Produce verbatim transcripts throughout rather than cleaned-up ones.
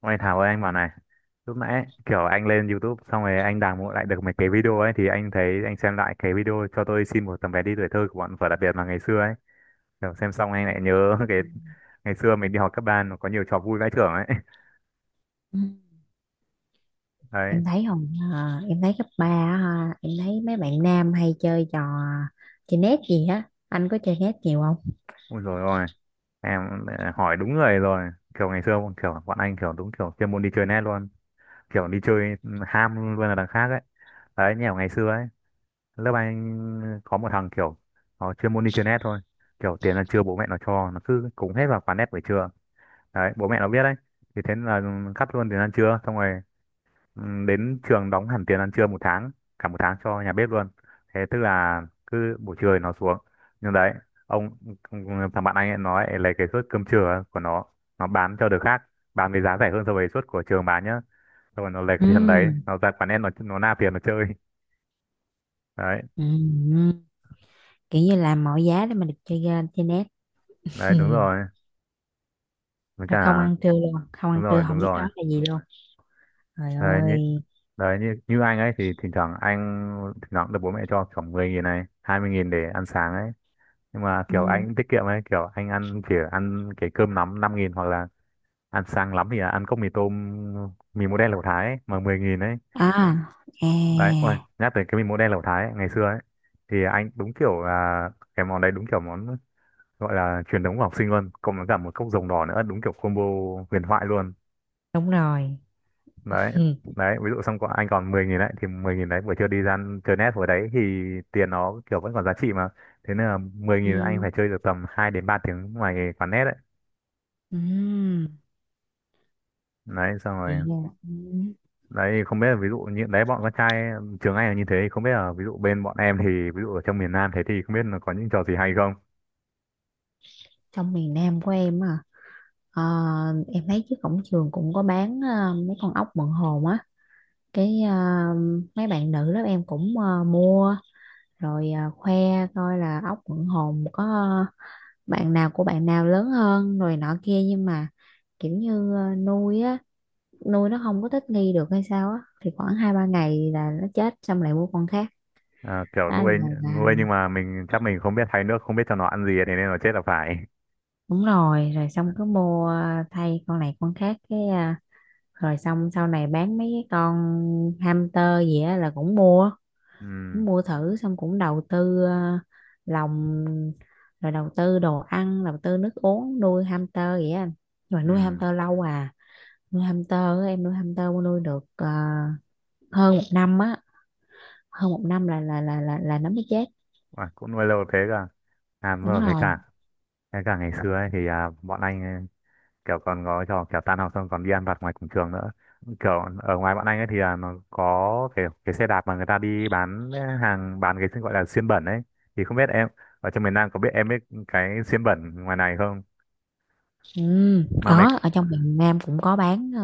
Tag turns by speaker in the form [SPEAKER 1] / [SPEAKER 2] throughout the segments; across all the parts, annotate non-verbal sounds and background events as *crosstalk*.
[SPEAKER 1] Ôi Thảo ơi, anh bảo này. Lúc nãy kiểu anh lên YouTube xong rồi anh đào mộ lại được mấy cái video ấy. Thì anh thấy anh xem lại cái video "Cho tôi xin một tấm vé đi tuổi thơ" của bọn Vở Đặc Biệt mà ngày xưa ấy. Kiểu xem xong anh lại nhớ *laughs* cái
[SPEAKER 2] Ừ.
[SPEAKER 1] ngày xưa mình đi học cấp ba, nó có nhiều trò vui vãi chưởng ấy. *laughs* Đấy,
[SPEAKER 2] Em thấy không, à em thấy cấp ba á, ha em thấy mấy bạn nam hay chơi trò chơi nét gì á, anh có chơi nét nhiều không?
[SPEAKER 1] ôi rồi ôi em, ờ, hỏi đúng người rồi. Kiểu ngày xưa kiểu bọn anh kiểu đúng kiểu chuyên môn đi chơi net luôn. Kiểu đi chơi ham luôn là đằng khác ấy. Đấy, nhiều ngày xưa ấy, lớp anh có một thằng kiểu nó chuyên môn đi chơi net thôi. Kiểu tiền ăn trưa bố mẹ nó cho, nó cứ cúng hết vào quán net buổi trưa. Đấy, bố mẹ nó biết đấy, thì thế là cắt luôn tiền ăn trưa, xong rồi ừ, đến trường đóng hẳn tiền ăn trưa một tháng, cả một tháng cho nhà bếp luôn. Thế tức là cứ buổi trưa thì nó xuống, nhưng đấy, ông, thằng bạn anh ấy nói lấy cái suất cơm trưa của nó nó bán cho đứa khác, bán với giá rẻ hơn so với suất của trường bán nhá. Xong rồi nó lấy cái
[SPEAKER 2] Ừ.
[SPEAKER 1] tiền đấy, nó ra quán net, nó nó nạp tiền nó chơi. Đấy,
[SPEAKER 2] Ừ. Ừ. Kiểu như làm mọi giá để mà được chơi game, chơi nét.
[SPEAKER 1] đấy
[SPEAKER 2] Ừ.
[SPEAKER 1] đúng rồi, với
[SPEAKER 2] Rồi *laughs* không
[SPEAKER 1] cả
[SPEAKER 2] ăn trưa luôn, không ăn
[SPEAKER 1] đúng rồi
[SPEAKER 2] trưa không
[SPEAKER 1] đúng
[SPEAKER 2] biết đó
[SPEAKER 1] rồi.
[SPEAKER 2] là gì luôn. Trời
[SPEAKER 1] đấy như
[SPEAKER 2] ơi.
[SPEAKER 1] đấy như như anh ấy thì thỉnh thoảng anh, thỉnh thoảng được bố mẹ cho khoảng mười nghìn này, hai mươi nghìn để ăn sáng ấy. Nhưng mà kiểu anh
[SPEAKER 2] Ừ.
[SPEAKER 1] cũng tiết kiệm ấy, kiểu anh ăn chỉ ăn cái cơm nắm năm nghìn, hoặc là ăn sáng lắm thì là ăn cốc mì tôm, mì mỗ đen lẩu thái ấy, mà mười nghìn ấy.
[SPEAKER 2] à à
[SPEAKER 1] Đấy, ôi nhắc tới cái mì mỗ đen lẩu thái ấy, ngày xưa ấy, thì anh đúng kiểu là cái món đấy đúng kiểu món gọi là truyền thống của học sinh luôn, cộng với cả một cốc rồng đỏ nữa, đúng kiểu combo huyền thoại luôn.
[SPEAKER 2] Đúng rồi.
[SPEAKER 1] Đấy,
[SPEAKER 2] Ừ.
[SPEAKER 1] đấy ví dụ xong có anh còn mười nghìn đấy, thì mười nghìn đấy buổi trưa đi ra ăn- chơi net hồi đấy thì tiền nó kiểu vẫn còn giá trị mà. Thế nên là mười
[SPEAKER 2] Ừ.
[SPEAKER 1] nghìn anh phải chơi được tầm hai đến ba tiếng ngoài quán net đấy.
[SPEAKER 2] Ừ.
[SPEAKER 1] Đấy xong rồi,
[SPEAKER 2] Vậy là ừ.
[SPEAKER 1] đấy không biết là ví dụ như đấy bọn con trai trường anh là như thế, không biết là ví dụ bên bọn em thì, ví dụ ở trong miền Nam thế thì không biết là có những trò gì hay không.
[SPEAKER 2] Trong miền Nam của em à? Ờ, em thấy trước cổng trường cũng có bán ờ, mấy con ốc mận hồn á. cái ờ, Mấy bạn nữ lớp em cũng ờ, mua rồi ờ, khoe coi là ốc mận hồn có, ờ, bạn nào của bạn nào lớn hơn rồi nọ kia, nhưng mà kiểu như ờ, nuôi á, nuôi nó không có thích nghi được hay sao á, thì khoảng hai ba ngày là nó chết xong lại mua con khác.
[SPEAKER 1] À, kiểu
[SPEAKER 2] đó là,
[SPEAKER 1] nuôi
[SPEAKER 2] là
[SPEAKER 1] nuôi nhưng mà mình chắc mình không biết thay nước, không biết cho nó ăn gì thì nên nó chết là phải.
[SPEAKER 2] đúng rồi. Rồi xong cứ mua ờ, thay con này con khác, cái ờ, rồi xong sau này bán mấy cái con hamster gì á là cũng mua,
[SPEAKER 1] Ừ,
[SPEAKER 2] cũng mua thử, xong cũng đầu tư ờ, lòng, rồi đầu tư đồ ăn, đầu tư nước uống, nuôi hamster vậy á anh. Nhưng mà nuôi
[SPEAKER 1] ừ,
[SPEAKER 2] hamster lâu à, nuôi hamster á, em nuôi hamster mà nuôi được ờ, hơn một năm á, hơn một năm là là là là, là nó mới chết.
[SPEAKER 1] à, cũng nuôi lâu thế cả. À đúng
[SPEAKER 2] Đúng
[SPEAKER 1] rồi, với
[SPEAKER 2] rồi.
[SPEAKER 1] cả, thế cả ngày xưa ấy, thì à, bọn anh kiểu còn có trò kiểu tan học xong còn đi ăn vặt ngoài cổng trường nữa. Kiểu ở ngoài bọn anh ấy thì là nó có cái cái xe đạp mà người ta đi bán hàng, bán cái gọi là xiên bẩn ấy. Thì không biết em ở trong miền Nam có biết, em biết cái xiên bẩn ngoài này không
[SPEAKER 2] Ừ,
[SPEAKER 1] mà mày,
[SPEAKER 2] có, ở trong miền Nam cũng có bán ờ,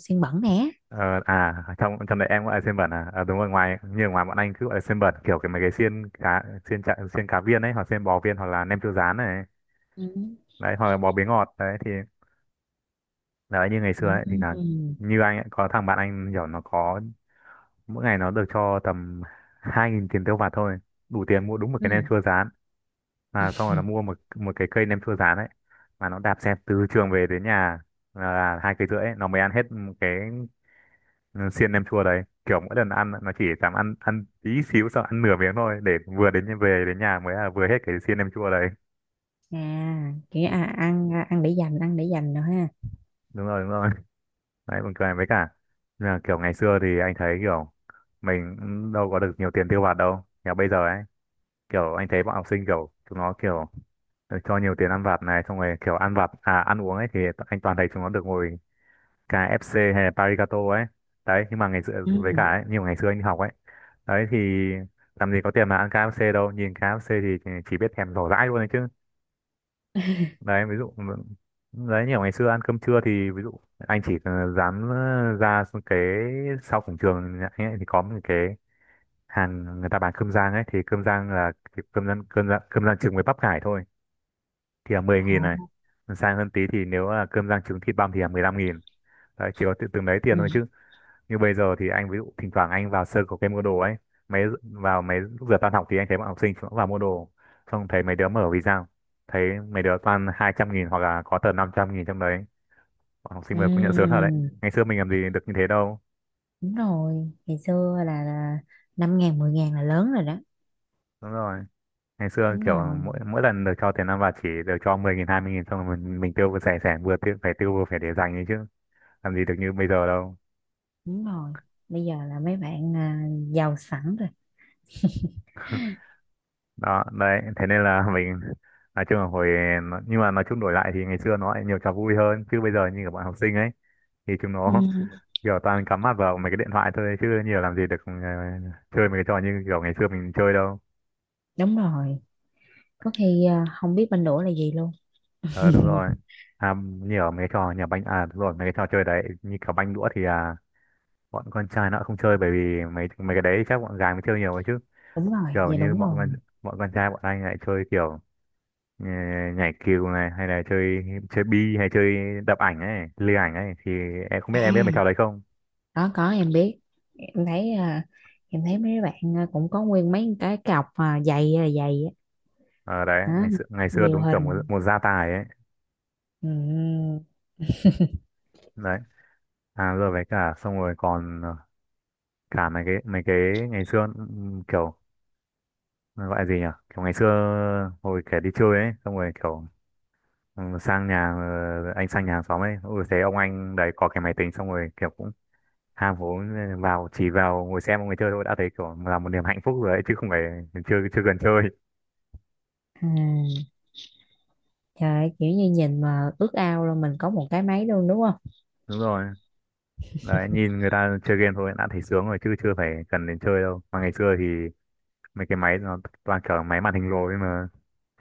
[SPEAKER 2] xiên bẩn nè.
[SPEAKER 1] ờ, à trong trong đấy em gọi là xiên bẩn à. Ờ, đúng rồi, ngoài như ở ngoài bọn anh cứ gọi là xiên bẩn, kiểu cái mấy cái xiên cá, xiên chả, xiên cá viên ấy, hoặc xiên bò viên, hoặc là nem chua rán này,
[SPEAKER 2] Ừ.
[SPEAKER 1] đấy, hoặc là bò bế ngọt đấy thì, đấy như ngày
[SPEAKER 2] Ừ.
[SPEAKER 1] xưa ấy thì là
[SPEAKER 2] Ừ.
[SPEAKER 1] như anh ấy có thằng bạn anh nhỏ, nó có mỗi ngày nó được cho tầm hai nghìn tiền tiêu vặt thôi, đủ tiền mua đúng một cái nem
[SPEAKER 2] Ừ.
[SPEAKER 1] chua rán. Mà xong rồi
[SPEAKER 2] Ừ.
[SPEAKER 1] nó mua một một cái cây nem chua rán ấy, mà nó đạp xe từ trường về đến nhà là là hai cây rưỡi ấy, nó mới ăn hết một cái. Ừ, xiên nem chua đấy kiểu mỗi lần ăn nó chỉ dám ăn ăn tí xíu, xong ăn nửa miếng thôi để vừa đến về đến nhà mới là vừa hết cái xiên nem chua đấy.
[SPEAKER 2] À, kiểu à, ăn, à ăn để dành, ăn để dành nữa ha.
[SPEAKER 1] Đúng rồi đúng rồi. Đấy, buồn cười với cả là kiểu ngày xưa thì anh thấy kiểu mình cũng đâu có được nhiều tiền tiêu vặt đâu. Kiểu bây giờ ấy, kiểu anh thấy bọn học sinh kiểu chúng nó kiểu, ờ, cho nhiều tiền ăn vặt này, xong rồi kiểu ăn vặt à ăn uống ấy thì t- anh toàn thấy chúng nó được ngồi ca ép xê hay là Parigato ấy. Đấy, nhưng mà ngày xưa với cả
[SPEAKER 2] Ừ.
[SPEAKER 1] ấy, nhiều ngày xưa anh đi học ấy. Đấy thì làm gì có tiền mà ăn ca ép xê đâu, nhìn ca ép xê thì chỉ biết thèm rổ rãi luôn đấy chứ. Đấy ví dụ, đấy như ở ngày xưa ăn cơm trưa thì ví dụ anh chỉ dám ra cái sau cổng trường nhà anh ấy thì có một cái hàng người ta bán cơm rang ấy, thì cơm rang là cái cơm rang cơm rang cơm rang trứng với bắp cải thôi, thì là mười nghìn này.
[SPEAKER 2] Ồ.
[SPEAKER 1] Sang hơn tí thì nếu là cơm rang trứng thịt băm thì là mười lăm nghìn. Đấy chỉ có tự từng đấy tiền thôi chứ.
[SPEAKER 2] Ừ.
[SPEAKER 1] Như bây giờ thì anh ví dụ thỉnh thoảng anh vào sơ có cái mua đồ ấy, mấy vào mấy lúc giờ tan học thì anh thấy bọn học sinh cũng vào mua đồ, xong thấy mấy đứa mở vì sao, thấy mấy đứa toàn hai trăm nghìn hoặc là có tờ năm trăm nghìn trong đấy. Bọn học sinh
[SPEAKER 2] Ừ.
[SPEAKER 1] mới cũng nhận sớm thật đấy, ngày xưa mình làm gì được như thế đâu.
[SPEAKER 2] Đúng rồi, ngày xưa là, là năm ngàn mười ngàn là lớn rồi đó.
[SPEAKER 1] Đúng rồi, ngày xưa
[SPEAKER 2] Đúng
[SPEAKER 1] kiểu
[SPEAKER 2] rồi.
[SPEAKER 1] mỗi mỗi lần được cho tiền ăn vặt chỉ được cho mười nghìn, hai mươi nghìn, xong rồi mình, mình tiêu vừa rẻ, rẻ vừa tiêu phải tiêu vừa phải để dành ấy chứ, làm gì được như bây giờ đâu.
[SPEAKER 2] Đúng rồi. Bây giờ là mấy bạn à, giàu sẵn rồi.
[SPEAKER 1] Đó đấy, thế nên là mình nói chung là hồi nó- nhưng mà nói chung đổi lại thì ngày xưa nó lại nhiều trò vui hơn chứ bây giờ như các bạn học sinh ấy thì chúng nó
[SPEAKER 2] Ừ.
[SPEAKER 1] *laughs* kiểu toàn cắm mặt vào mấy cái điện thoại thôi chứ nhiều làm gì được, ờ, chơi mấy cái trò như kiểu ngày xưa mình chơi đâu.
[SPEAKER 2] Đúng rồi, có khi à, không biết bên đũa là gì luôn.
[SPEAKER 1] Ờ đúng rồi,
[SPEAKER 2] *laughs*
[SPEAKER 1] à, nhiều mấy cái trò nhà banh, à đúng rồi mấy cái trò chơi đấy như kiểu banh đũa thì à, bọn con trai nó không chơi, bởi vì mấy mấy cái đấy chắc bọn gái mới chơi nhiều ấy chứ.
[SPEAKER 2] Đúng rồi,
[SPEAKER 1] Kiểu
[SPEAKER 2] dạ
[SPEAKER 1] như
[SPEAKER 2] đúng
[SPEAKER 1] bọn
[SPEAKER 2] rồi.
[SPEAKER 1] con bọn con trai bọn anh lại chơi kiểu, ờ, nhảy cừu này, hay là chơi chơi bi, hay chơi đập ảnh ấy, lừa ảnh ấy, thì em không biết,
[SPEAKER 2] À,
[SPEAKER 1] em biết mấy trò đấy không.
[SPEAKER 2] có có em biết, em thấy à, em thấy mấy bạn à, cũng có nguyên mấy cái cọc à, dày là dày á.
[SPEAKER 1] Ờ đấy,
[SPEAKER 2] Đó,
[SPEAKER 1] ngày xưa, ngày xưa
[SPEAKER 2] nhiều
[SPEAKER 1] đúng kiểu một,
[SPEAKER 2] hình.
[SPEAKER 1] một gia tài ấy.
[SPEAKER 2] Ừ.
[SPEAKER 1] Đấy, à rồi với cả xong rồi còn, ờ, cả mấy cái mấy cái ngày xưa, ừm, kiểu nó gọi là gì nhỉ, kiểu ngày xưa hồi kẻ đi chơi ấy, xong rồi kiểu ừ, sang nhà, ờ, anh sang nhà hàng xóm ấy, ôi thấy ông anh đấy có cái máy tính, xong rồi kiểu cũng ham hố, ừ, vào chỉ vào ngồi xem mọi người chơi thôi đã thấy kiểu là một niềm hạnh phúc rồi ấy chứ không phải, chưa chưa cần chơi.
[SPEAKER 2] Ừ, trời ơi, kiểu như nhìn mà ước ao luôn mình có một cái máy luôn đúng không?
[SPEAKER 1] Đúng rồi, đấy nhìn người ta chơi game thôi đã thấy sướng rồi chứ chưa phải cần đến chơi đâu, mà ngày xưa thì mấy cái máy nó toàn kiểu máy màn hình lồi ấy mà,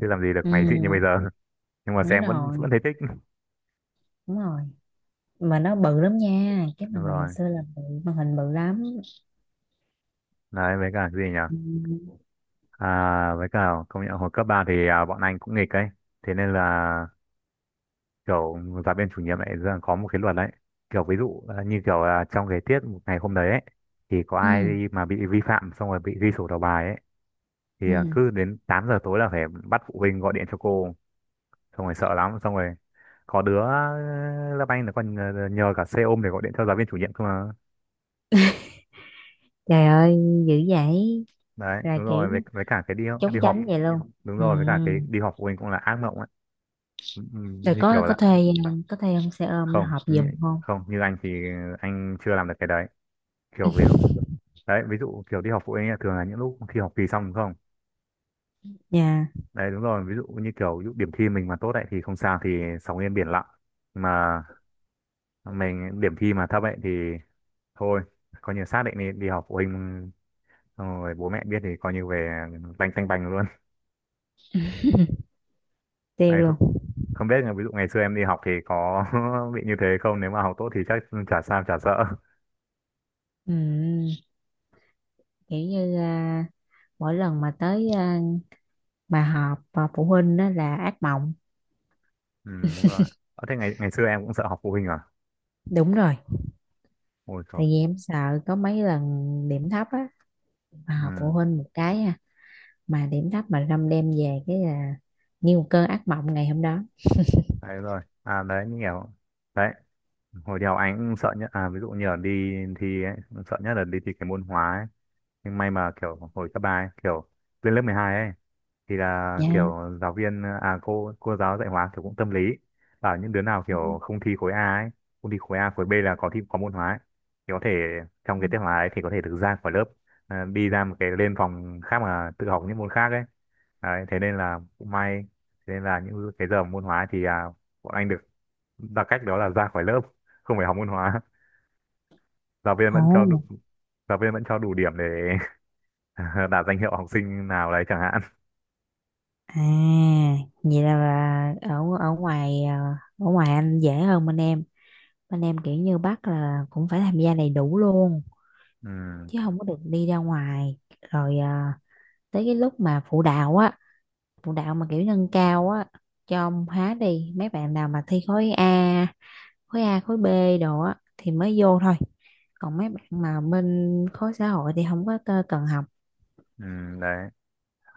[SPEAKER 1] chứ làm gì được máy xịn như bây
[SPEAKER 2] Ừ,
[SPEAKER 1] giờ. *laughs* Nhưng mà
[SPEAKER 2] đúng
[SPEAKER 1] xem vẫn
[SPEAKER 2] rồi,
[SPEAKER 1] vẫn thấy thích. *laughs*
[SPEAKER 2] đúng rồi. Mà nó bự lắm nha, cái
[SPEAKER 1] Đúng
[SPEAKER 2] màn hình mình
[SPEAKER 1] rồi,
[SPEAKER 2] xưa là bự, màn hình bự lắm.
[SPEAKER 1] đấy với cả cái gì nhỉ,
[SPEAKER 2] Ừ,
[SPEAKER 1] à với cả công nhận hồi cấp ba thì à, bọn anh cũng nghịch ấy, thế nên là kiểu giáo viên chủ nhiệm lại ra có một cái luật đấy. Kiểu ví dụ à, như kiểu à, trong cái tiết một ngày hôm đấy ấy thì có ai
[SPEAKER 2] ừ,
[SPEAKER 1] mà bị vi phạm xong rồi bị ghi sổ đầu bài ấy, thì à,
[SPEAKER 2] ừ.
[SPEAKER 1] cứ đến tám giờ tối là phải bắt phụ huynh gọi điện cho cô, xong rồi sợ lắm. Xong rồi có đứa, ờ, lớp Anh nó còn nhờ, nhờ cả xe ôm để gọi điện cho giáo viên chủ nhiệm cơ mà.
[SPEAKER 2] Trời ơi, dữ vậy,
[SPEAKER 1] Đấy
[SPEAKER 2] là
[SPEAKER 1] đúng rồi, với,
[SPEAKER 2] kiểu
[SPEAKER 1] với cả cái đi, đi
[SPEAKER 2] trốn tránh
[SPEAKER 1] họp,
[SPEAKER 2] vậy luôn.
[SPEAKER 1] đúng
[SPEAKER 2] Ừ. Ừ.
[SPEAKER 1] rồi với cả cái đi họp phụ huynh cũng là ác mộng ấy. Ừ, ừ,
[SPEAKER 2] Rồi
[SPEAKER 1] như
[SPEAKER 2] có
[SPEAKER 1] kiểu
[SPEAKER 2] có
[SPEAKER 1] là
[SPEAKER 2] thuê, có thuê ông xe ôm nó
[SPEAKER 1] không
[SPEAKER 2] họp
[SPEAKER 1] như,
[SPEAKER 2] giùm không?
[SPEAKER 1] không như anh thì anh chưa làm được cái đấy, kiểu ví dụ, đấy ví dụ kiểu đi họp phụ huynh ấy, thường là những lúc khi học kỳ xong đúng không?
[SPEAKER 2] Nha.
[SPEAKER 1] Đấy, đúng rồi, ví dụ như kiểu ví dụ điểm thi mình mà tốt đấy thì không sao thì sóng yên biển lặng. Mà mình điểm thi mà thấp ấy thì thôi, coi như xác định đi đi học phụ huynh xong rồi bố mẹ biết thì coi như về tanh tanh bành luôn. *laughs*
[SPEAKER 2] Tiêu
[SPEAKER 1] Này, không,
[SPEAKER 2] luôn.
[SPEAKER 1] không biết là ví dụ ngày xưa em đi học thì có *laughs* bị như thế không, nếu mà học tốt thì chắc chả sao chả sợ.
[SPEAKER 2] Ừ, kiểu như à, mỗi lần mà tới à, mà họp à, phụ huynh đó là ác mộng.
[SPEAKER 1] Ừ, đúng rồi. Ờ, thế ngày ngày xưa em cũng sợ học phụ huynh à?
[SPEAKER 2] Đúng rồi.
[SPEAKER 1] Ôi trời.
[SPEAKER 2] Tại vì em sợ, có mấy lần điểm thấp á, mà học phụ
[SPEAKER 1] Ừ,
[SPEAKER 2] huynh một cái à, mà điểm thấp mà râm đem về cái là như một cơn ác mộng ngày hôm đó.
[SPEAKER 1] đấy rồi, à đấy như kiểu đấy, hồi đi học anh cũng sợ nhất, à ví dụ như là đi thi ấy, sợ nhất là đi thi cái môn hóa ấy. Nhưng may mà kiểu hồi cấp ba ấy, kiểu lên lớp mười hai ấy thì là
[SPEAKER 2] Dạ. Nha.
[SPEAKER 1] kiểu giáo viên, à cô cô giáo dạy hóa kiểu cũng tâm lý, bảo những đứa nào kiểu không thi khối A ấy, không thi khối A khối B là có thi có môn hóa ấy, thì có thể trong cái tiết hóa ấy thì có thể được ra khỏi lớp, à đi ra một cái lên phòng khác mà tự học những môn khác ấy. Đấy, thế nên là cũng may, thế nên là những cái giờ môn hóa thì à, bọn anh được là cách đó là ra khỏi lớp, không phải học môn hóa. *laughs* Giáo viên vẫn cho đủ,
[SPEAKER 2] Ồ.
[SPEAKER 1] giáo viên vẫn cho đủ điểm để *laughs* đạt danh hiệu học sinh nào đấy chẳng hạn.
[SPEAKER 2] À, vậy là, là ở ở ngoài à, ở ngoài anh dễ hơn bên em, bên em kiểu như bắt là cũng phải tham gia đầy đủ luôn,
[SPEAKER 1] Ừ,
[SPEAKER 2] chứ không có được đi ra ngoài. Rồi à, tới cái lúc mà phụ đạo á, phụ đạo mà kiểu nâng cao á cho ông hóa đi, mấy bạn nào mà thi khối A, khối A khối B đồ á thì mới vô thôi, còn mấy bạn mà bên khối xã hội thì không có tơ- cần học.
[SPEAKER 1] ừ, đấy.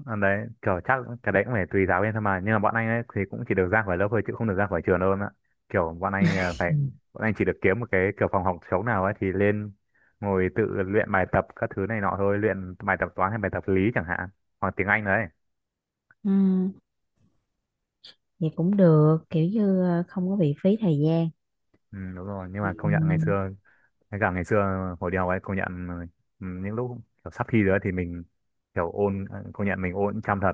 [SPEAKER 1] Ờ, đấy kiểu chắc cái đấy cũng phải tùy giáo viên thôi, mà nhưng mà bọn anh ấy thì cũng chỉ được ra khỏi lớp thôi chứ không được ra khỏi trường đâu em ạ. Kiểu bọn anh là
[SPEAKER 2] Ừ.
[SPEAKER 1] phải, bọn anh chỉ được kiếm một cái kiểu phòng học trống nào ấy thì lên ngồi tự luyện bài tập các thứ này nọ thôi, luyện bài tập toán hay bài tập lý chẳng hạn, hoặc tiếng Anh đấy.
[SPEAKER 2] Ừ, vậy cũng được, kiểu như ờ, không có bị phí thời gian.
[SPEAKER 1] Ừ, đúng rồi, nhưng mà
[SPEAKER 2] Ừ,
[SPEAKER 1] công nhận ngày xưa. Thế cả ngày xưa hồi đi học ấy công nhận, ừ, những lúc kiểu sắp thi rồi ấy thì mình kiểu ôn, ờ, công nhận mình ôn chăm thật,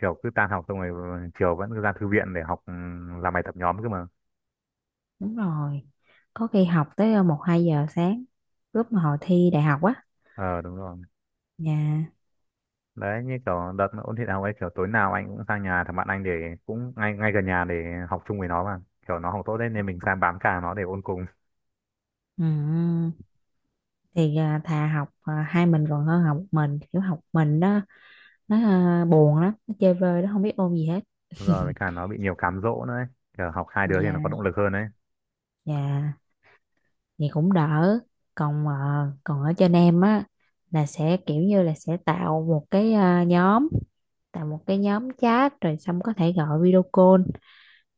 [SPEAKER 1] kiểu cứ tan học xong rồi ờ, chiều vẫn cứ ra thư viện để học, ừ, làm bài tập nhóm cơ mà.
[SPEAKER 2] đúng rồi, có khi học tới ờ, một hai giờ sáng lúc mà hồi thi đại học á.
[SPEAKER 1] Ờ, đúng rồi.
[SPEAKER 2] Dạ.
[SPEAKER 1] Đấy như kiểu đợt mà ôn thi đại học ấy kiểu tối nào anh cũng sang nhà thằng bạn anh để, cũng ngay ngay gần nhà, để học chung với nó mà. Kiểu nó học tốt đấy nên mình sang bám càng nó để ôn cùng.
[SPEAKER 2] Ừ, thì ờ, thà học ờ, hai mình còn hơn học một mình, kiểu học mình đó nó ờ, buồn lắm, nó chơi vơi, nó không biết ôn gì hết.
[SPEAKER 1] Đúng rồi, với cả nó bị nhiều cám dỗ nữa ấy. Kiểu học hai đứa thì nó có
[SPEAKER 2] Dạ.
[SPEAKER 1] động lực hơn đấy.
[SPEAKER 2] Dạ. Thì cũng đỡ. còn ờ, Còn ở trên em á là sẽ kiểu như là sẽ tạo một cái ờ, nhóm, tạo một cái nhóm chat rồi xong có thể gọi video call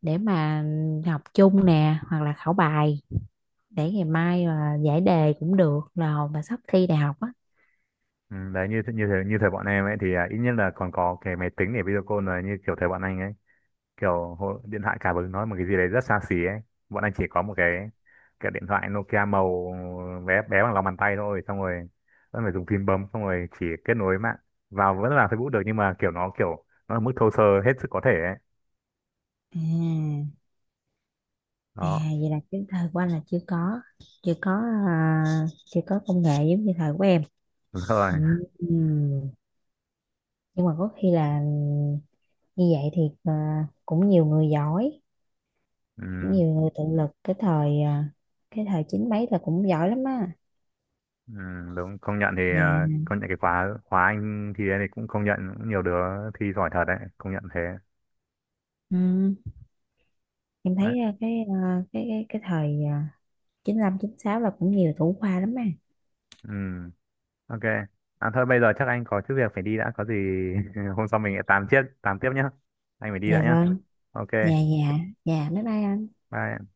[SPEAKER 2] để mà học chung nè, hoặc là khảo bài để ngày mai mà giải đề cũng được, là hồi mà sắp thi đại học á.
[SPEAKER 1] Ừ, đấy như th- như thế, như thời bọn em ấy thì à, ít nhất là còn có cái máy tính để video call, rồi như kiểu thời bọn anh ấy kiểu hồi- điện thoại cả vừa nói một cái gì đấy rất xa xỉ ấy. Bọn anh chỉ có một cái cái điện thoại Nokia màu bé bé bằng lòng bàn tay thôi, xong rồi vẫn phải dùng phím bấm, xong rồi chỉ kết nối mạng vào vẫn là Facebook được, nhưng mà kiểu nó, kiểu nó ở mức thô sơ hết sức có thể ấy.
[SPEAKER 2] À. À,
[SPEAKER 1] Đó,
[SPEAKER 2] vậy là cái thời của anh là chưa có, chưa có à, chưa có công nghệ giống như thời của em.
[SPEAKER 1] đúng rồi.
[SPEAKER 2] Ừ. Ừ. Nhưng mà có khi là như vậy thì à, cũng nhiều người giỏi,
[SPEAKER 1] Ừ,
[SPEAKER 2] nhiều người tự lực cái thời à, cái thời chín mấy là cũng giỏi lắm á.
[SPEAKER 1] ừ, đúng công nhận thì
[SPEAKER 2] Dạ.
[SPEAKER 1] ờ, công nhận cái khóa khóa anh thì thì cũng công nhận nhiều đứa thi giỏi thật đấy, công nhận thế
[SPEAKER 2] Ừ. Em
[SPEAKER 1] đấy.
[SPEAKER 2] thấy à, cái à, cái cái cái thời à, chín lăm chín sáu là cũng nhiều thủ khoa lắm á.
[SPEAKER 1] Ừ. Ok. À thôi bây giờ chắc anh có chút việc phải đi đã, có gì *laughs* hôm sau mình lại tám tiếp tám tiếp nhá, anh phải đi đã
[SPEAKER 2] Dạ
[SPEAKER 1] nhá.
[SPEAKER 2] vâng.
[SPEAKER 1] Ok,
[SPEAKER 2] Dạ dạ. Dạ bye bye anh.
[SPEAKER 1] bye.